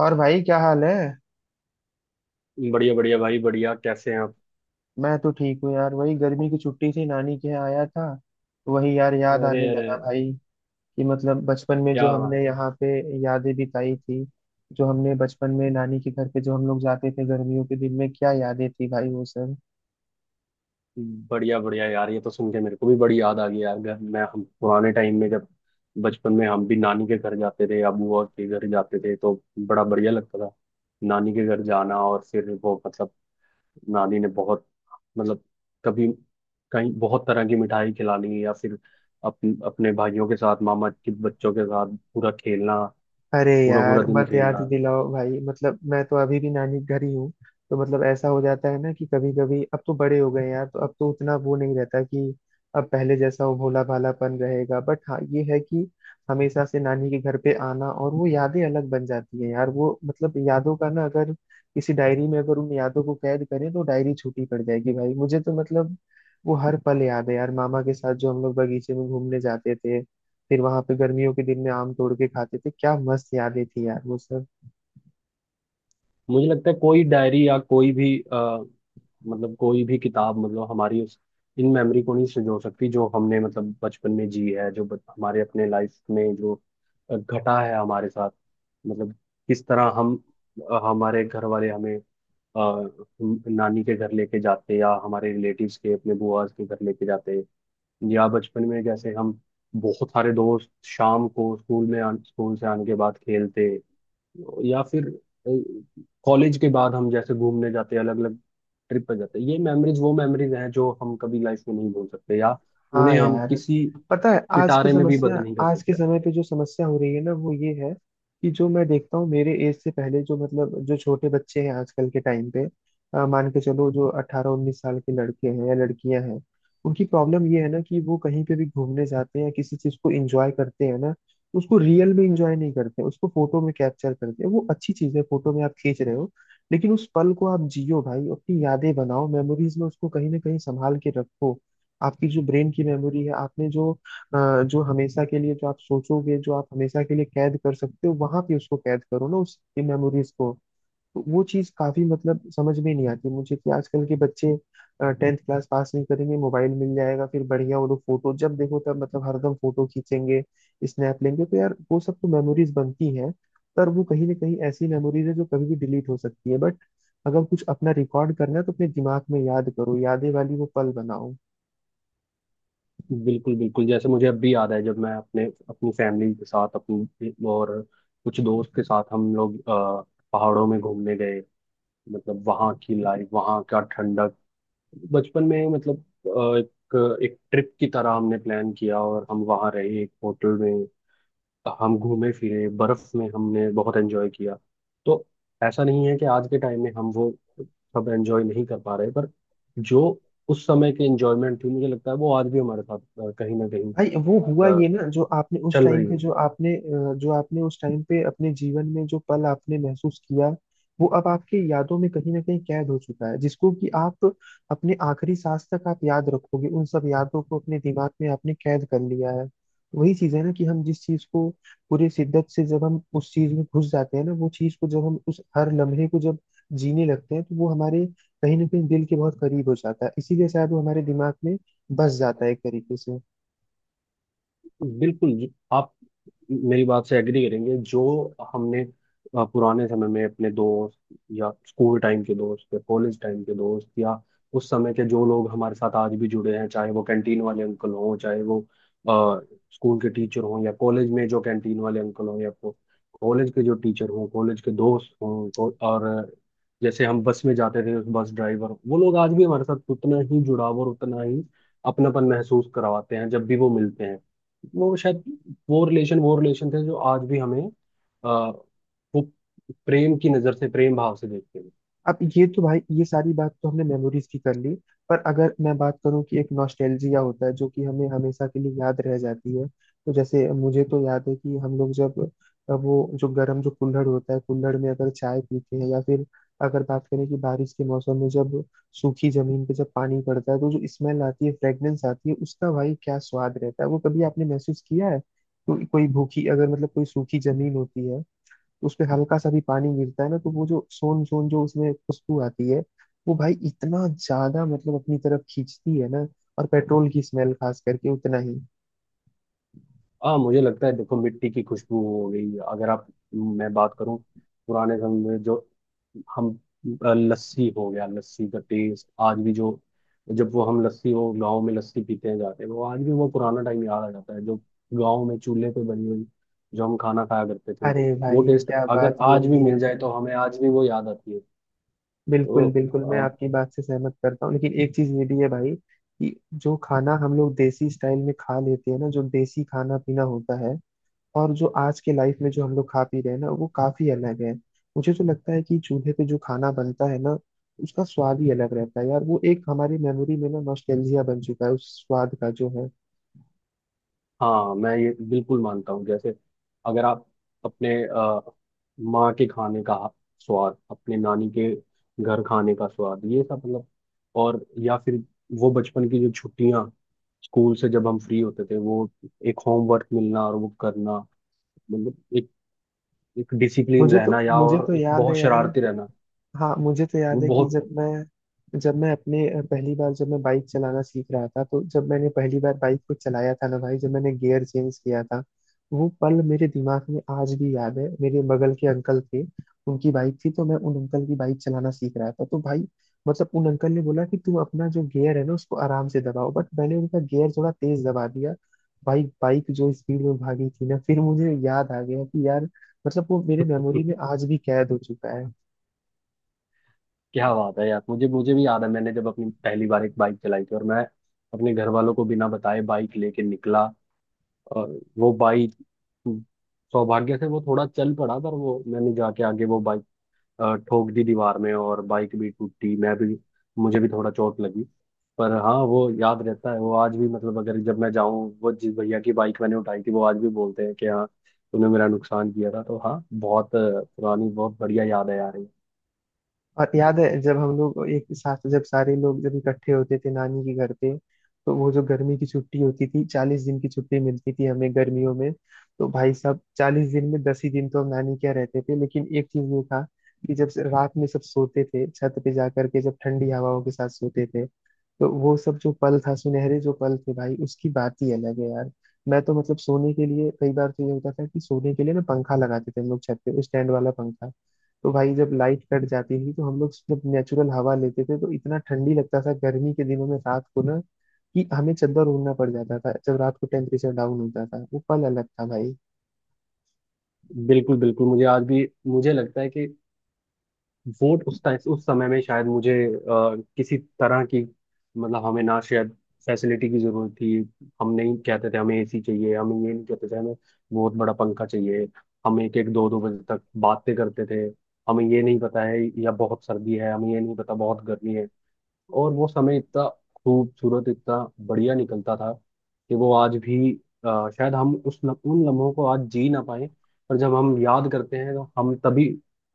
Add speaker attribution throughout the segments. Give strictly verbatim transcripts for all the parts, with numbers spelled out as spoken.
Speaker 1: और भाई, क्या हाल है।
Speaker 2: बढ़िया बढ़िया भाई बढ़िया। कैसे हैं आप?
Speaker 1: मैं तो ठीक हूँ यार, वही गर्मी की छुट्टी थी, नानी के यहाँ आया था। तो वही यार याद
Speaker 2: अरे
Speaker 1: आने
Speaker 2: अरे,
Speaker 1: लगा भाई कि मतलब बचपन में जो
Speaker 2: क्या बात।
Speaker 1: हमने यहाँ पे यादें बिताई थी, जो हमने बचपन में नानी के घर पे जो हम लोग जाते थे गर्मियों के दिन में, क्या यादें थी भाई वो सब।
Speaker 2: बढ़िया बढ़िया यार, ये तो सुन के मेरे को भी बड़ी याद आ गई यार। घर मैं हम पुराने टाइम में, जब बचपन में हम भी नानी के घर जाते थे या बुआ के घर जाते थे, तो बड़ा बढ़िया लगता था। नानी के घर जाना, और फिर वो मतलब नानी ने बहुत, मतलब कभी कहीं बहुत तरह की मिठाई खिलानी, या फिर अपन अपने भाइयों के साथ, मामा के बच्चों के साथ पूरा खेलना,
Speaker 1: अरे
Speaker 2: पूरा पूरा
Speaker 1: यार
Speaker 2: दिन
Speaker 1: मत याद
Speaker 2: खेलना।
Speaker 1: दिलाओ भाई, मतलब मैं तो अभी भी नानी के घर ही हूँ। तो मतलब ऐसा हो जाता है ना कि कभी कभी अब तो बड़े हो गए हैं यार, तो अब तो उतना वो नहीं रहता कि अब पहले जैसा वो भोला भालापन रहेगा। बट हाँ, ये है कि हमेशा से नानी के घर पे आना और वो यादें अलग बन जाती है यार। वो मतलब यादों का ना, अगर किसी डायरी में अगर उन यादों को कैद करें तो डायरी छोटी पड़ जाएगी भाई, मुझे तो मतलब वो हर पल याद है यार। मामा के साथ जो हम लोग बगीचे में घूमने जाते थे, फिर वहां पे गर्मियों के दिन में आम तोड़ के खाते थे, क्या मस्त यादें थी यार वो सब।
Speaker 2: मुझे लगता है कोई डायरी या कोई भी आ, मतलब कोई भी किताब, मतलब हमारी उस इन मेमोरी को नहीं संजो सकती, जो हमने मतलब बचपन में जी है, जो ब- हमारे अपने लाइफ में जो अ, घटा है हमारे साथ। मतलब किस तरह हम, अ, हमारे घर वाले हमें अ, हम- नानी के घर लेके जाते, या हमारे रिलेटिव्स के अपने बुआस के घर लेके जाते, या बचपन में जैसे हम बहुत सारे दोस्त शाम को स्कूल में आन, स्कूल से आने के बाद खेलते, या फिर कॉलेज के बाद हम जैसे घूमने जाते हैं, अलग अलग ट्रिप पर जाते हैं। ये मेमोरीज वो मेमोरीज हैं जो हम कभी लाइफ में नहीं भूल सकते, या
Speaker 1: हाँ
Speaker 2: उन्हें हम
Speaker 1: यार,
Speaker 2: किसी
Speaker 1: पता है आज की
Speaker 2: पिटारे में भी
Speaker 1: समस्या,
Speaker 2: बंद नहीं कर
Speaker 1: आज के
Speaker 2: सकते।
Speaker 1: समय पे जो समस्या हो रही है ना वो ये है कि जो मैं देखता हूँ, मेरे एज से पहले जो मतलब जो छोटे बच्चे हैं आजकल के टाइम पे, अ, मान के चलो, जो अट्ठारह उन्नीस साल के लड़के हैं या लड़कियां हैं, उनकी प्रॉब्लम ये है ना कि वो कहीं पे भी घूमने जाते हैं, किसी चीज को एंजॉय करते हैं ना, उसको रियल में एंजॉय नहीं करते, उसको फोटो में कैप्चर करते हैं। वो अच्छी चीज है, फोटो में आप खींच रहे हो, लेकिन उस पल को आप जियो भाई, अपनी यादें बनाओ, मेमोरीज में उसको कहीं ना कहीं संभाल के रखो। आपकी जो ब्रेन की मेमोरी है, आपने जो अ, जो हमेशा के लिए जो आप सोचोगे, जो आप हमेशा के लिए कैद कर सकते हो वहां पे उसको कैद करो ना, उस मेमोरीज को। तो वो चीज काफी मतलब समझ में नहीं आती मुझे कि आजकल के बच्चे टेंथ क्लास पास नहीं करेंगे, मोबाइल मिल जाएगा, फिर बढ़िया, वो लोग फोटो जब देखो तब मतलब हरदम फोटो खींचेंगे, स्नैप लेंगे। तो यार वो सब तो मेमोरीज बनती हैं, पर वो कहीं ना कहीं ऐसी मेमोरीज है जो कभी भी डिलीट हो सकती है। बट अगर कुछ अपना रिकॉर्ड करना है तो अपने दिमाग में याद करो, यादें वाली वो पल बनाओ।
Speaker 2: बिल्कुल बिल्कुल, जैसे मुझे अब भी याद है, जब मैं अपने अपनी फैमिली के साथ, अपनी और कुछ दोस्त के साथ हम लोग अ, पहाड़ों में घूमने गए, मतलब वहाँ की लाइफ, वहाँ का ठंडक। बचपन में मतलब अ, एक एक ट्रिप की तरह हमने प्लान किया, और हम वहाँ रहे एक होटल में, हम घूमे फिरे बर्फ में, हमने बहुत एंजॉय किया। तो ऐसा नहीं है कि आज के टाइम में हम वो सब एंजॉय नहीं कर पा रहे, पर जो उस समय की एंजॉयमेंट थी, मुझे लगता है वो आज भी हमारे साथ अ, कहीं ना कहीं
Speaker 1: भाई वो हुआ ये
Speaker 2: अ,
Speaker 1: ना, जो आपने उस
Speaker 2: चल
Speaker 1: टाइम
Speaker 2: रही
Speaker 1: पे
Speaker 2: है।
Speaker 1: जो आपने अ, जो आपने उस टाइम पे अपने जीवन में जो पल आपने महसूस किया, वो अब आपकी यादों में कहीं ना कहीं कैद हो चुका है, जिसको कि आप अपने आखिरी सांस तक आप याद रखोगे, उन सब यादों को अपने दिमाग में आपने कैद कर लिया है। वही चीज है ना कि हम जिस चीज को पूरे शिद्दत से जब हम उस चीज में घुस जाते हैं ना, वो चीज को जब हम उस हर लम्हे को जब जीने लगते हैं, तो वो हमारे कहीं ना कहीं दिल के बहुत करीब हो जाता है, इसीलिए शायद वो हमारे दिमाग में बस जाता है एक तरीके से।
Speaker 2: बिल्कुल जी, आप मेरी बात से एग्री करेंगे। जो हमने अ, पुराने समय में अपने दोस्त, या स्कूल टाइम के दोस्त, या कॉलेज टाइम के दोस्त, या उस समय के जो लोग हमारे साथ आज भी जुड़े हैं, चाहे वो कैंटीन वाले अंकल हों, चाहे वो अ, स्कूल के टीचर हों, या कॉलेज में जो कैंटीन वाले अंकल हों, या को- कॉलेज के जो टीचर हों, कॉलेज के दोस्त हों, को- और जैसे हम बस में जाते थे, उस बस ड्राइवर, वो लोग आज भी हमारे साथ उतना ही जुड़ाव और उतना ही अपनापन महसूस करवाते हैं जब भी वो मिलते हैं। वो शायद वो रिलेशन वो रिलेशन थे, जो आज भी हमें आ, वो प्रेम की नजर से, प्रेम भाव से देखते हैं।
Speaker 1: अब ये तो भाई ये सारी बात तो हमने मेमोरीज की कर ली, पर अगर मैं बात करूं कि एक नॉस्टैल्जिया होता है जो कि हमें हमेशा के लिए याद रह जाती है। तो जैसे मुझे तो याद है कि हम लोग जब अ, वो जो गर्म जो कुल्हड़ होता है, कुल्हड़ में अगर चाय पीते हैं, या फिर अगर बात करें कि बारिश के मौसम में जब सूखी जमीन पे जब पानी पड़ता है तो जो स्मेल आती है, फ्रेग्रेंस आती है, उसका भाई क्या स्वाद रहता है, वो कभी आपने महसूस किया है। तो कोई भूखी अगर मतलब कोई सूखी जमीन होती है, उस पे हल्का सा भी पानी गिरता है ना, तो वो जो सोन सोन जो उसमें खुशबू आती है, वो भाई इतना ज्यादा मतलब अपनी तरफ खींचती है ना। और पेट्रोल की स्मेल खास करके उतना ही।
Speaker 2: हाँ, मुझे लगता है, देखो, मिट्टी की खुशबू हो गई, अगर आप, मैं बात करूं, पुराने समय में जो हम, अ, लस्सी हो गया, लस्सी का टेस्ट आज भी, जो जब वो हम लस्सी, वो गांव में लस्सी पीते जाते हैं, वो आज भी वो पुराना टाइम याद आ जाता है, जो गांव में चूल्हे पे बनी हुई जो हम खाना खाया करते थे,
Speaker 1: अरे
Speaker 2: वो
Speaker 1: भाई
Speaker 2: टेस्ट
Speaker 1: क्या
Speaker 2: अगर
Speaker 1: बात
Speaker 2: आज
Speaker 1: बोल
Speaker 2: भी
Speaker 1: दी
Speaker 2: मिल जाए
Speaker 1: आपने।
Speaker 2: तो हमें आज भी वो याद आती है।
Speaker 1: बिल्कुल
Speaker 2: तो
Speaker 1: बिल्कुल, मैं आपकी बात से सहमत करता हूँ, लेकिन एक चीज ये भी है भाई कि जो खाना हम लोग देसी स्टाइल में खा लेते हैं ना, जो देसी खाना पीना होता है, और जो आज के लाइफ में जो हम लोग खा पी रहे हैं ना, वो काफी अलग है। मुझे तो लगता है कि चूल्हे पे जो खाना बनता है ना, उसका स्वाद ही अलग रहता है यार, वो एक हमारी मेमोरी में ना नॉस्टैल्जिया बन चुका है उस स्वाद का जो है।
Speaker 2: हाँ, मैं ये बिल्कुल मानता हूँ, जैसे अगर आप अपने अ, माँ के खाने का स्वाद, अपने नानी के घर खाने का स्वाद, ये सब मतलब, और या फिर वो बचपन की जो छुट्टियाँ, स्कूल से जब हम फ्री होते थे, वो एक होमवर्क मिलना और वो करना, मतलब एक, एक डिसिप्लिन
Speaker 1: मुझे
Speaker 2: रहना,
Speaker 1: तो
Speaker 2: या
Speaker 1: मुझे
Speaker 2: और
Speaker 1: तो
Speaker 2: एक
Speaker 1: याद है
Speaker 2: बहुत
Speaker 1: यार।
Speaker 2: शरारती रहना,
Speaker 1: हाँ मुझे तो
Speaker 2: वो
Speaker 1: याद है कि
Speaker 2: बहुत
Speaker 1: जब मैं जब मैं अपने अ, पहली बार जब मैं बाइक चलाना सीख रहा था, तो जब मैंने पहली बार बाइक को चलाया था ना भाई, जब मैंने गियर चेंज किया था, वो पल मेरे दिमाग में आज भी याद है। मेरे बगल के अंकल थे, उनकी बाइक थी, तो मैं उन अंकल की बाइक चलाना सीख रहा था। तो भाई मतलब उन अंकल ने बोला कि तुम अपना जो गियर है ना उसको आराम से दबाओ, बट मैंने उनका गियर थोड़ा तेज दबा दिया। भाई बाइक जो स्पीड में भागी थी ना, फिर मुझे याद आ गया कि यार, मतलब वो मेरे मेमोरी में आज भी कैद हो चुका है।
Speaker 2: क्या बात है यार, मुझे मुझे भी याद है, मैंने जब अपनी पहली बार एक बाइक चलाई थी, और मैं अपने घर वालों को बिना बताए बाइक लेके निकला, और वो बाइक, सौभाग्य से वो थोड़ा चल पड़ा, पर वो मैंने जाके आगे वो बाइक अ, ठोक दी दीवार में, और बाइक भी टूटी, मैं भी, मुझे भी थोड़ा चोट लगी। पर हाँ, वो याद रहता है, वो आज भी, मतलब अगर जब मैं जाऊँ, वो जिस भैया की बाइक मैंने उठाई थी वो आज भी बोलते हैं कि हाँ, तूने मेरा नुकसान किया था। तो हाँ, बहुत अ, पुरानी, बहुत बढ़िया याद है यार ये।
Speaker 1: और याद है जब हम लोग एक साथ जब सारे लोग जब इकट्ठे होते थे नानी के घर पे, तो वो जो गर्मी की छुट्टी होती थी, चालीस दिन की छुट्टी मिलती थी हमें गर्मियों में। तो भाई साहब चालीस दिन में दस ही दिन तो हम नानी के यहाँ रहते थे, लेकिन एक चीज ये था कि जब से- रात में सब सोते थे छत पे जा करके, जब ठंडी हवाओं के साथ सोते थे, तो वो सब जो पल था, सुनहरे जो पल थे भाई, उसकी बात ही अलग है यार। मैं तो मतलब सोने के लिए कई बार तो ये होता था कि सोने के लिए ना पंखा लगाते थे हम लोग छत पे, स्टैंड वाला पंखा। तो भाई जब लाइट कट जाती थी तो हम लोग जब नेचुरल हवा लेते थे तो इतना ठंडी लगता था गर्मी के दिनों में रात को ना, कि हमें चद्दर ओढ़ना पड़ जाता था जब रात को टेम्परेचर डाउन होता था। वो पल अलग था भाई।
Speaker 2: बिल्कुल बिल्कुल, मुझे आज भी मुझे लगता है कि वोट उस टाइम, उस समय में शायद मुझे अ, किसी तरह की, मतलब हमें ना शायद फैसिलिटी की जरूरत थी। हम नहीं कहते थे हमें एसी चाहिए, हमें ये नहीं कहते थे हमें बहुत बड़ा पंखा चाहिए। हम एक एक दो दो बजे तक बातें करते थे, हमें ये नहीं पता है या बहुत सर्दी है, हमें ये नहीं पता बहुत गर्मी है। और वो समय इतना खूबसूरत, इतना बढ़िया निकलता था कि वो आज भी अ, शायद हम उस लम, उन लम्हों को आज जी ना पाए, पर जब हम याद करते हैं तो हम तभी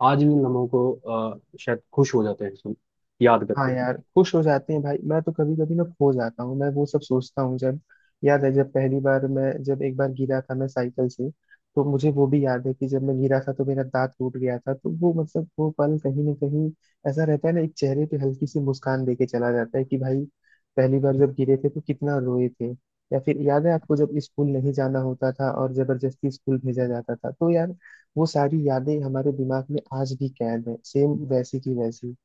Speaker 2: आज भी उन लम्हों को अ, शायद खुश हो जाते हैं, सुन, याद
Speaker 1: हाँ
Speaker 2: करके।
Speaker 1: यार, खुश हो जाते हैं भाई, मैं तो कभी कभी ना खो जाता हूँ, मैं वो सब सोचता हूँ। जब याद है, जब पहली बार मैं जब एक बार गिरा था मैं साइकिल से, तो मुझे वो भी याद है कि जब मैं गिरा था तो मेरा दांत टूट गया था। तो वो मतलब वो पल कहीं ना कहीं ऐसा रहता है ना, एक चेहरे पे हल्की सी मुस्कान देके चला जाता है कि भाई, पहली बार जब गिरे थे तो कितना रोए थे। या फिर याद है आपको जब स्कूल नहीं जाना होता था और जबरदस्ती स्कूल भेजा जाता था, तो यार वो सारी यादें हमारे दिमाग में आज भी कैद है, सेम वैसी की वैसी।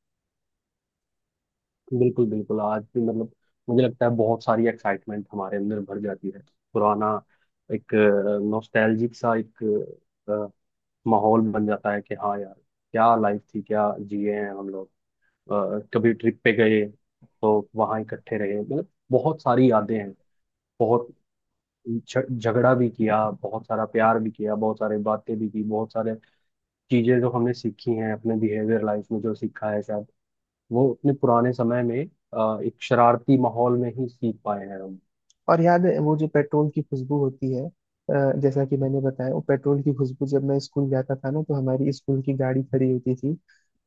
Speaker 2: बिल्कुल बिल्कुल, आज भी मतलब मुझे लगता है बहुत सारी एक्साइटमेंट हमारे अंदर भर जाती है। पुराना एक नॉस्टैल्जिक सा एक अ, माहौल बन जाता है कि हाँ यार, क्या लाइफ थी, क्या जिए हैं हम लोग। अ, कभी ट्रिप पे गए तो वहाँ इकट्ठे रहे, मतलब बहुत सारी यादें हैं, बहुत झ- झगड़ा भी किया, बहुत सारा प्यार भी किया, बहुत सारी बातें भी की, बहुत सारे चीजें जो हमने सीखी हैं अपने बिहेवियर लाइफ में जो सीखा है, शायद वो अपने पुराने समय में अ, एक शरारती माहौल में ही सीख पाए हैं हम।
Speaker 1: और याद है वो जो पेट्रोल की खुशबू होती है, अ, जैसा कि मैंने बताया, वो पेट्रोल की खुशबू, जब मैं स्कूल जाता था ना तो हमारी स्कूल की गाड़ी खड़ी होती थी।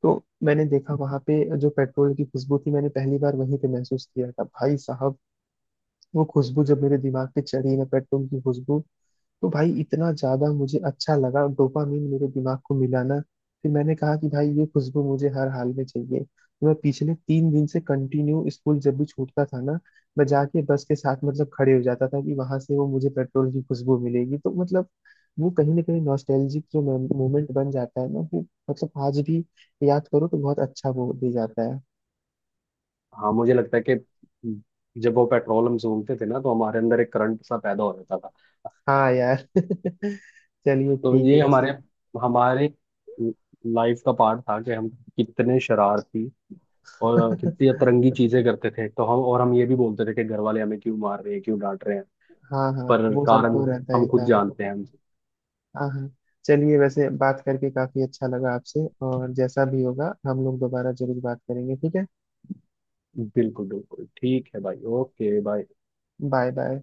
Speaker 1: तो मैंने देखा वहां पे जो पेट्रोल की खुशबू थी, मैंने पहली बार वहीं पे महसूस किया था भाई साहब। वो खुशबू जब मेरे दिमाग पे चढ़ी ना, पेट्रोल की खुशबू, तो भाई इतना ज्यादा मुझे अच्छा लगा, डोपामिन मेरे दिमाग को मिला ना, फिर मैंने कहा कि भाई ये खुशबू मुझे हर हाल में चाहिए। तो मैं पिछले तीन दिन से कंटिन्यू स्कूल जब भी छूटता था ना, मैं जाके बस के साथ मतलब खड़े हो जाता था कि वहां से वो मुझे पेट्रोल की खुशबू मिलेगी। तो मतलब वो कहीं ना कहीं नॉस्टैल्जिक जो मोमेंट बन जाता है ना, वो मतलब आज भी याद करो तो बहुत अच्छा वो दे जाता है।
Speaker 2: हाँ, मुझे लगता है कि जब वो पेट्रोल हम सूंघते थे ना तो हमारे अंदर एक करंट सा पैदा हो जाता था।
Speaker 1: हाँ यार। चलिए,
Speaker 2: तो
Speaker 1: ठीक है
Speaker 2: ये
Speaker 1: वैसे।
Speaker 2: हमारे हमारे लाइफ का पार्ट था कि हम कितने शरारती और कितनी अतरंगी चीजें करते थे, तो हम, और हम ये भी बोलते थे कि घर वाले हमें क्यों मार रहे हैं, क्यों डांट रहे हैं।
Speaker 1: हाँ हाँ,
Speaker 2: पर
Speaker 1: वो सब
Speaker 2: कारण
Speaker 1: तो रहता
Speaker 2: हम
Speaker 1: ही
Speaker 2: खुद
Speaker 1: था।
Speaker 2: जानते हैं।
Speaker 1: हाँ हाँ, चलिए, वैसे बात करके काफी अच्छा लगा आपसे, और जैसा भी होगा हम लोग दोबारा जरूर बात करेंगे, ठीक है।
Speaker 2: बिल्कुल बिल्कुल, ठीक है भाई, ओके भाई।
Speaker 1: Bye bye.